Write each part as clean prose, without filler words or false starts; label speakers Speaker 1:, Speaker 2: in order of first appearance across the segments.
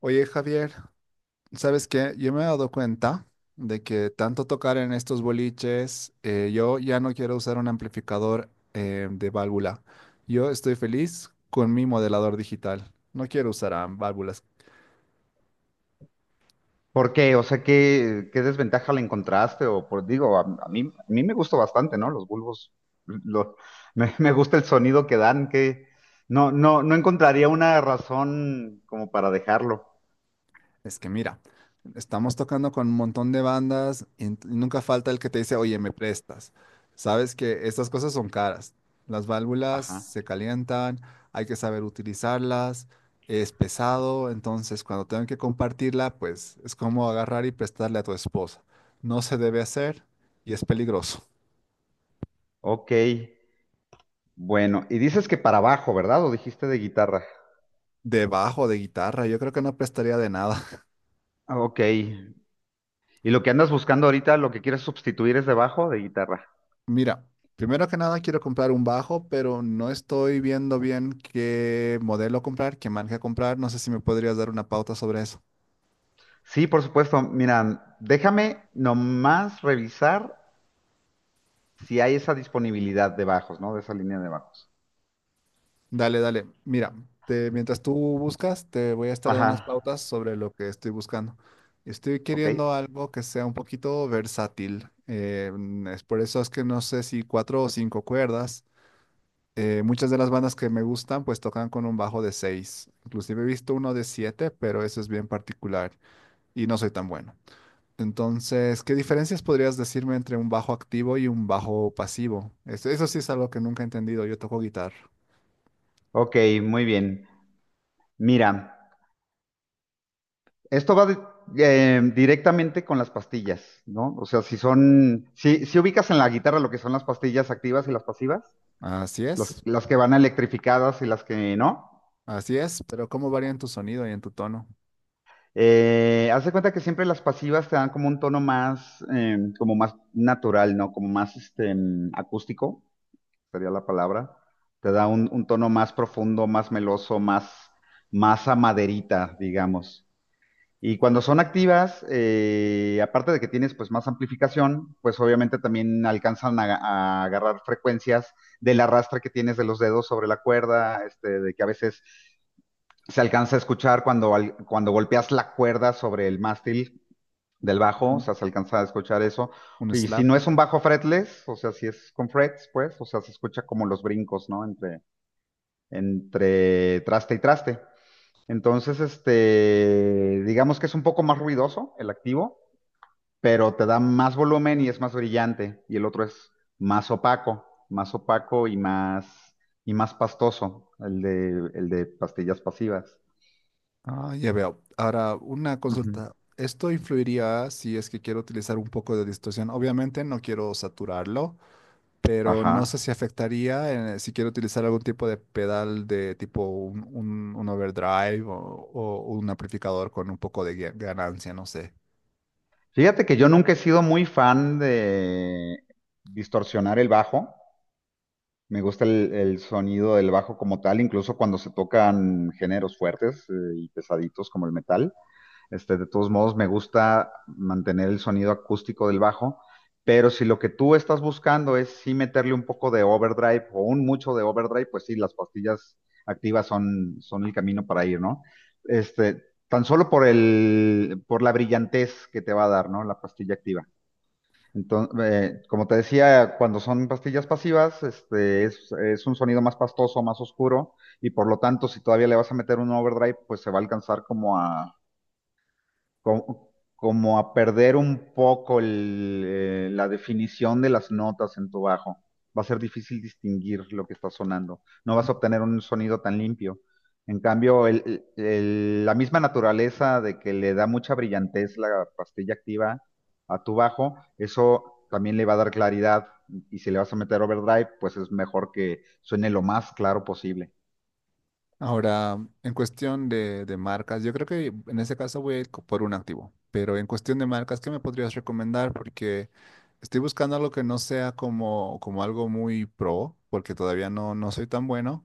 Speaker 1: Oye, Javier, ¿sabes qué? Yo me he dado cuenta de que tanto tocar en estos boliches, yo ya no quiero usar un amplificador de válvula. Yo estoy feliz con mi modelador digital. No quiero usar válvulas.
Speaker 2: ¿Por qué? O sea, ¿qué desventaja le encontraste? O por, digo, a mí me gustó bastante, ¿no? Los bulbos, lo- me gusta el sonido que dan, que no encontraría una razón como para dejarlo.
Speaker 1: Es que mira, estamos tocando con un montón de bandas y nunca falta el que te dice, oye, me prestas. Sabes que estas cosas son caras. Las válvulas
Speaker 2: Ajá.
Speaker 1: se calientan, hay que saber utilizarlas, es pesado, entonces cuando tengan que compartirla, pues es como agarrar y prestarle a tu esposa. No se debe hacer y es peligroso.
Speaker 2: Ok. Bueno, y dices que para bajo, ¿verdad? ¿O dijiste de guitarra?
Speaker 1: Debajo de guitarra, yo creo que no prestaría de nada.
Speaker 2: Ah, Ok. ¿Y lo que andas buscando ahorita, lo que quieres sustituir es de bajo o de guitarra?
Speaker 1: Mira, primero que nada quiero comprar un bajo, pero no estoy viendo bien qué modelo comprar, qué marca comprar. No sé si me podrías dar una pauta sobre eso.
Speaker 2: Sí, por supuesto. Mira, déjame nomás revisar si hay esa disponibilidad de bajos, ¿no? De esa línea de bajos.
Speaker 1: Dale, dale. Mira, mientras tú buscas, te voy a estar dando
Speaker 2: Ajá,
Speaker 1: unas pautas sobre lo que estoy buscando. Estoy
Speaker 2: ok.
Speaker 1: queriendo algo que sea un poquito versátil. Es por eso es que no sé si cuatro o cinco cuerdas. Muchas de las bandas que me gustan pues tocan con un bajo de seis. Inclusive he visto uno de siete, pero eso es bien particular y no soy tan bueno. Entonces, ¿qué diferencias podrías decirme entre un bajo activo y un bajo pasivo? Eso sí es algo que nunca he entendido. Yo toco guitarra.
Speaker 2: Ok, muy bien. Mira, esto va de- directamente con las pastillas, ¿no? O sea, si son, si, si ubicas en la guitarra lo que son las pastillas activas y las pasivas,
Speaker 1: Así
Speaker 2: las,
Speaker 1: es,
Speaker 2: las que van electrificadas y las que no.
Speaker 1: así es, pero ¿cómo varían tu sonido y en tu tono?
Speaker 2: Haz de cuenta que siempre las pasivas te dan como un tono más, como más natural, ¿no? Como más este, acústico, sería la palabra. Te da un tono más profundo, más meloso, más, más a maderita, digamos. Y cuando son activas, aparte de que tienes pues más amplificación, pues obviamente también alcanzan a agarrar frecuencias del arrastre que tienes de los dedos sobre la cuerda, este, de que a veces se alcanza a escuchar cuando, cuando golpeas la cuerda sobre el mástil del bajo, o
Speaker 1: Ujú.
Speaker 2: sea, se alcanza a escuchar eso.
Speaker 1: Un
Speaker 2: Y si
Speaker 1: slap.
Speaker 2: no es un bajo fretless, o sea, si es con frets, pues, o sea, se escucha como los brincos, ¿no? Entre, entre traste y traste. Entonces, este, digamos que es un poco más ruidoso el activo, pero te da más volumen y es más brillante. Y el otro es más opaco y más pastoso, el de pastillas pasivas.
Speaker 1: Ah, ya veo. Ahora, una
Speaker 2: Ujú.
Speaker 1: consulta. ¿Esto influiría si es que quiero utilizar un poco de distorsión? Obviamente no quiero saturarlo, pero no sé
Speaker 2: Ajá.
Speaker 1: si afectaría si quiero utilizar algún tipo de pedal de tipo un overdrive o un amplificador con un poco de ganancia, no sé.
Speaker 2: Fíjate que yo nunca he sido muy fan de distorsionar el bajo. Me gusta el sonido del bajo como tal, incluso cuando se tocan géneros fuertes, y pesaditos como el metal. Este, de todos modos, me gusta mantener el sonido acústico del bajo, pero si lo que tú estás buscando es sí meterle un poco de overdrive o un mucho de overdrive, pues sí, las pastillas activas son, son el camino para ir, ¿no? Este, tan solo por el, por la brillantez que te va a dar, ¿no? La pastilla activa. Entonces, como te decía, cuando son pastillas pasivas, este, es un sonido más pastoso, más oscuro, y por lo tanto, si todavía le vas a meter un overdrive, pues se va a alcanzar como a, como a perder un poco el, la definición de las notas en tu bajo. Va a ser difícil distinguir lo que está sonando. No vas a obtener un sonido tan limpio. En cambio, la misma naturaleza de que le da mucha brillantez la pastilla activa a tu bajo, eso también le va a dar claridad. Y si le vas a meter overdrive, pues es mejor que suene lo más claro posible.
Speaker 1: Ahora, en cuestión de marcas, yo creo que en ese caso voy a ir por un activo, pero en cuestión de marcas, ¿qué me podrías recomendar? Porque estoy buscando algo que no sea como algo muy pro, porque todavía no, no soy tan bueno,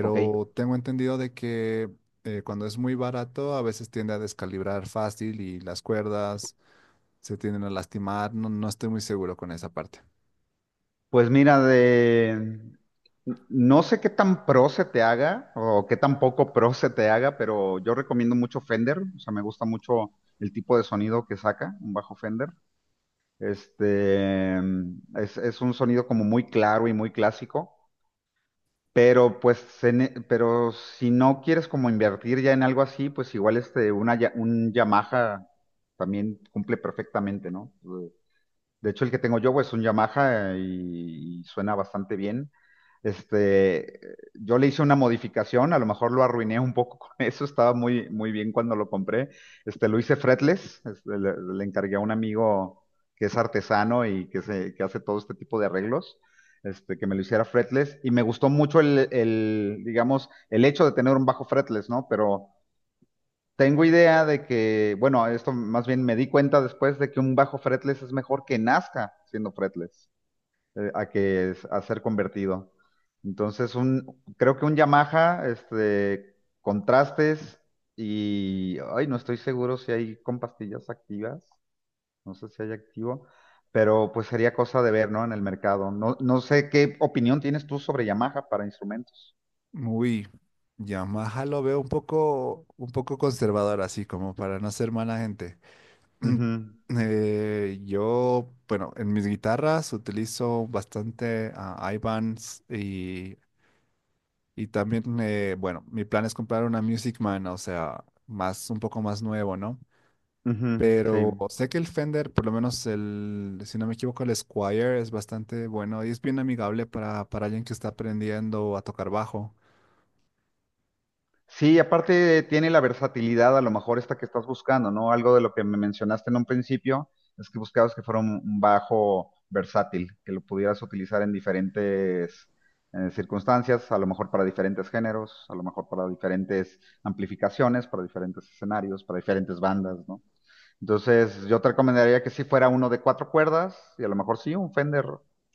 Speaker 2: ¿Ok?
Speaker 1: tengo entendido de que cuando es muy barato a veces tiende a descalibrar fácil y las cuerdas se tienden a lastimar, no, no estoy muy seguro con esa parte.
Speaker 2: Pues mira, de... No sé qué tan pro se te haga o qué tan poco pro se te haga, pero yo recomiendo mucho Fender. O sea, me gusta mucho el tipo de sonido que saca un bajo Fender. Este es un sonido como muy claro y muy clásico, pero pero si no quieres como invertir ya en algo así, pues igual este un Yamaha también cumple perfectamente, ¿no? De hecho, el que tengo yo pues, es un Yamaha y suena bastante bien. Este, yo le hice una modificación, a lo mejor lo arruiné un poco con eso, estaba muy, muy bien cuando lo compré. Este, lo hice fretless, este, le encargué a un amigo que es artesano y que, se, que hace todo este tipo de arreglos, este, que me lo hiciera fretless. Y me gustó mucho el, digamos, el hecho de tener un bajo fretless, ¿no? Pero tengo idea de que, bueno, esto más bien me di cuenta después de que un bajo fretless es mejor que nazca siendo fretless, a ser convertido. Entonces, un, creo que un Yamaha, este, contrastes y, ay, no estoy seguro si hay con pastillas activas, no sé si hay activo, pero pues sería cosa de ver, ¿no? En el mercado. No, no sé qué opinión tienes tú sobre Yamaha para instrumentos.
Speaker 1: Uy, Yamaha lo veo un poco conservador así, como para no ser mala gente. Yo, bueno, en mis guitarras utilizo bastante a Ibanez y también, bueno, mi plan es comprar una Music Man, o sea, más, un poco más nuevo, ¿no?
Speaker 2: Sí.
Speaker 1: Pero sé que el Fender, por lo menos el, si no me equivoco, el Squire es bastante bueno y es bien amigable para alguien que está aprendiendo a tocar bajo.
Speaker 2: Sí, aparte tiene la versatilidad, a lo mejor esta que estás buscando, ¿no? Algo de lo que me mencionaste en un principio, es que buscabas que fuera un bajo versátil, que lo pudieras utilizar en diferentes circunstancias, a lo mejor para diferentes géneros, a lo mejor para diferentes amplificaciones, para diferentes escenarios, para diferentes bandas, ¿no? Entonces, yo te recomendaría que sí fuera uno de 4 cuerdas y a lo mejor sí un Fender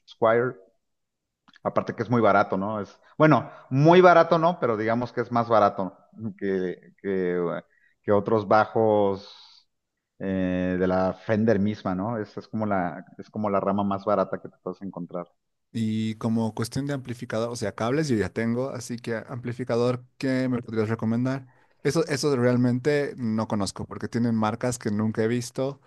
Speaker 2: Squire. Aparte que es muy barato, ¿no? Es, bueno, muy barato no, pero digamos que es más barato que, que, que otros bajos de la Fender misma, ¿no? Es como la rama más barata que te puedes encontrar.
Speaker 1: Y como cuestión de amplificador, o sea, cables yo ya tengo, así que amplificador, ¿qué me podrías recomendar? Eso realmente no conozco, porque tienen marcas que nunca he visto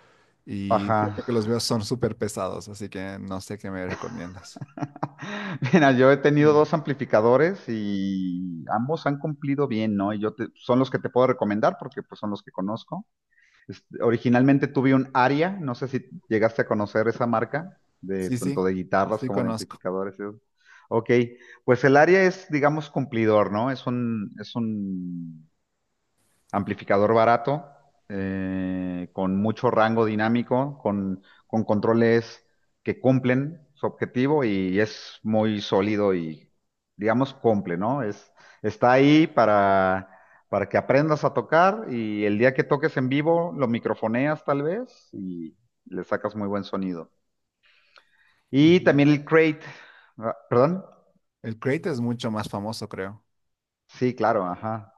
Speaker 1: y
Speaker 2: Ajá.
Speaker 1: siempre que los veo son súper pesados, así que no sé qué me recomiendas.
Speaker 2: Mira, yo he tenido
Speaker 1: Mm.
Speaker 2: 2 amplificadores y ambos han cumplido bien, ¿no? Y son los que te puedo recomendar porque pues son los que conozco. Originalmente tuve un Aria, no sé si llegaste a conocer esa marca, de
Speaker 1: Sí, sí,
Speaker 2: tanto de guitarras
Speaker 1: sí
Speaker 2: como de
Speaker 1: conozco.
Speaker 2: amplificadores. Y Ok, pues el Aria es, digamos, cumplidor, ¿no? Es un amplificador barato, con mucho rango dinámico, con controles que cumplen su objetivo y es muy sólido y, digamos, cumple, ¿no? Es, está ahí para que aprendas a tocar y el día que toques en vivo lo microfoneas tal vez y le sacas muy buen sonido. Y
Speaker 1: Ujú.
Speaker 2: también el crate, ah, ¿perdón?
Speaker 1: El Crate es mucho más famoso, creo.
Speaker 2: Sí, claro, ajá.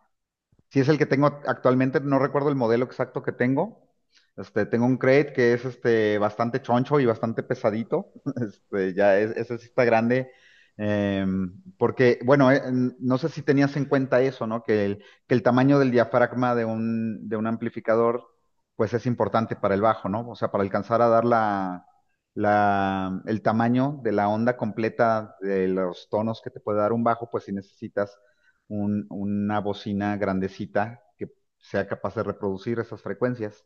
Speaker 2: Si es el que tengo actualmente, no recuerdo el modelo exacto que tengo. Este, tengo un crate que es este, bastante choncho y bastante pesadito. Este, ya es, ese sí está grande. Porque, bueno, no sé si tenías en cuenta eso, ¿no? Que el tamaño del diafragma de un amplificador, pues es importante para el bajo, ¿no? O sea, para alcanzar a dar la, el tamaño de la onda completa de los tonos que te puede dar un bajo, pues si necesitas una bocina grandecita que sea capaz de reproducir esas frecuencias.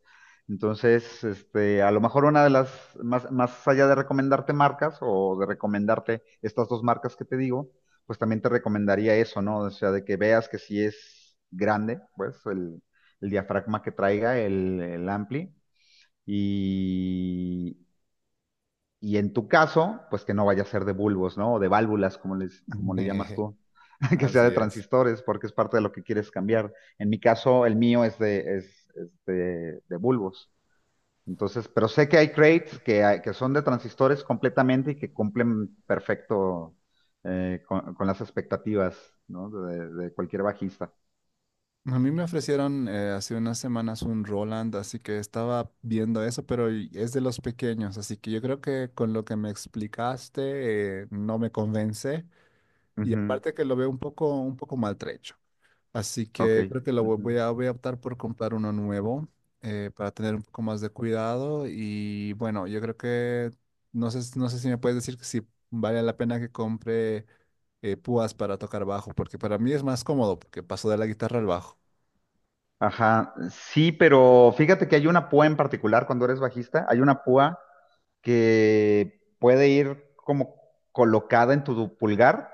Speaker 2: Entonces, este, a lo mejor una de las, más, más allá de recomendarte marcas o de recomendarte estas dos marcas que te digo, pues también te recomendaría eso, ¿no? O sea, de que veas que si es grande, pues el diafragma que traiga el ampli y, y en tu caso, pues que no vaya a ser de bulbos, ¿no? O de válvulas, como, les, como le llamas tú, que sea de
Speaker 1: Así es.
Speaker 2: transistores, porque es parte de lo que quieres cambiar. En mi caso, el mío es de bulbos. Entonces, pero sé que hay crates que son de transistores completamente y que cumplen perfecto con las expectativas, ¿no? De cualquier bajista.
Speaker 1: A mí me ofrecieron hace unas semanas un Roland, así que estaba viendo eso, pero es de los pequeños, así que yo creo que con lo que me explicaste no me convence y
Speaker 2: Ujú,
Speaker 1: aparte que lo veo un poco maltrecho, así
Speaker 2: Ok.
Speaker 1: que creo que lo
Speaker 2: Ujú.
Speaker 1: voy a, optar por comprar uno nuevo para tener un poco más de cuidado y bueno, yo creo que no sé si me puedes decir que si vale la pena que compre púas para tocar bajo, porque para mí es más cómodo, porque paso de la guitarra al bajo.
Speaker 2: Ajá, sí, pero fíjate que hay una púa en particular cuando eres bajista, hay una púa que puede ir como colocada en tu pulgar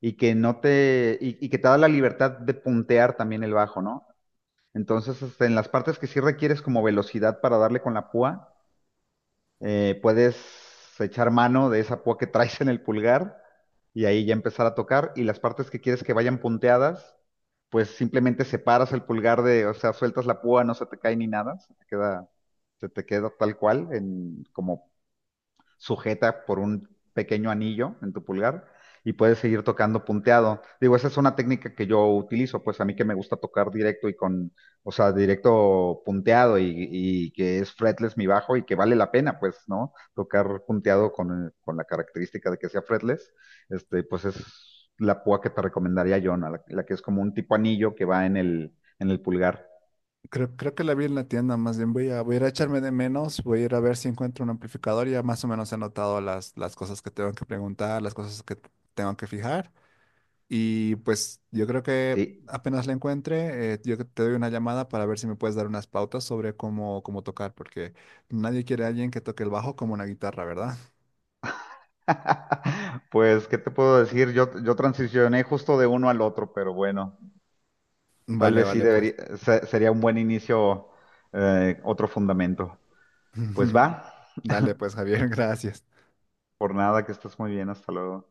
Speaker 2: y que no te, y que te da la libertad de puntear también el bajo, ¿no? Entonces, este, en las partes que sí requieres como velocidad para darle con la púa, puedes echar mano de esa púa que traes en el pulgar y ahí ya empezar a tocar. Y las partes que quieres que vayan punteadas, pues simplemente separas el pulgar de, o sea, sueltas la púa, no se te cae ni nada, se te queda tal cual, en, como sujeta por un pequeño anillo en tu pulgar y puedes seguir tocando punteado. Digo, esa es una técnica que yo utilizo, pues a mí que me gusta tocar directo y con, o sea, directo punteado y que es fretless mi bajo y que vale la pena, pues, ¿no? Tocar punteado con la característica de que sea fretless, este, pues es la púa que te recomendaría yo, ¿no? La que es como un tipo anillo que va en el pulgar,
Speaker 1: Creo que la vi en la tienda, más bien voy a, ir a echarme de menos, voy a ir a ver si encuentro un amplificador, ya más o menos he anotado las cosas que tengo que preguntar, las cosas que tengo que fijar y pues yo creo que
Speaker 2: ¿sí?
Speaker 1: apenas la encuentre, yo te doy una llamada para ver si me puedes dar unas pautas sobre cómo tocar, porque nadie quiere a alguien que toque el bajo como una guitarra, ¿verdad?
Speaker 2: Pues, ¿qué te puedo decir? Yo transicioné justo de uno al otro, pero bueno. Tal
Speaker 1: Vale,
Speaker 2: vez sí
Speaker 1: vale,
Speaker 2: debería,
Speaker 1: pues.
Speaker 2: sería un buen inicio, otro fundamento. Pues va,
Speaker 1: Dale, pues, Javier, gracias.
Speaker 2: por nada, que estés muy bien, hasta luego.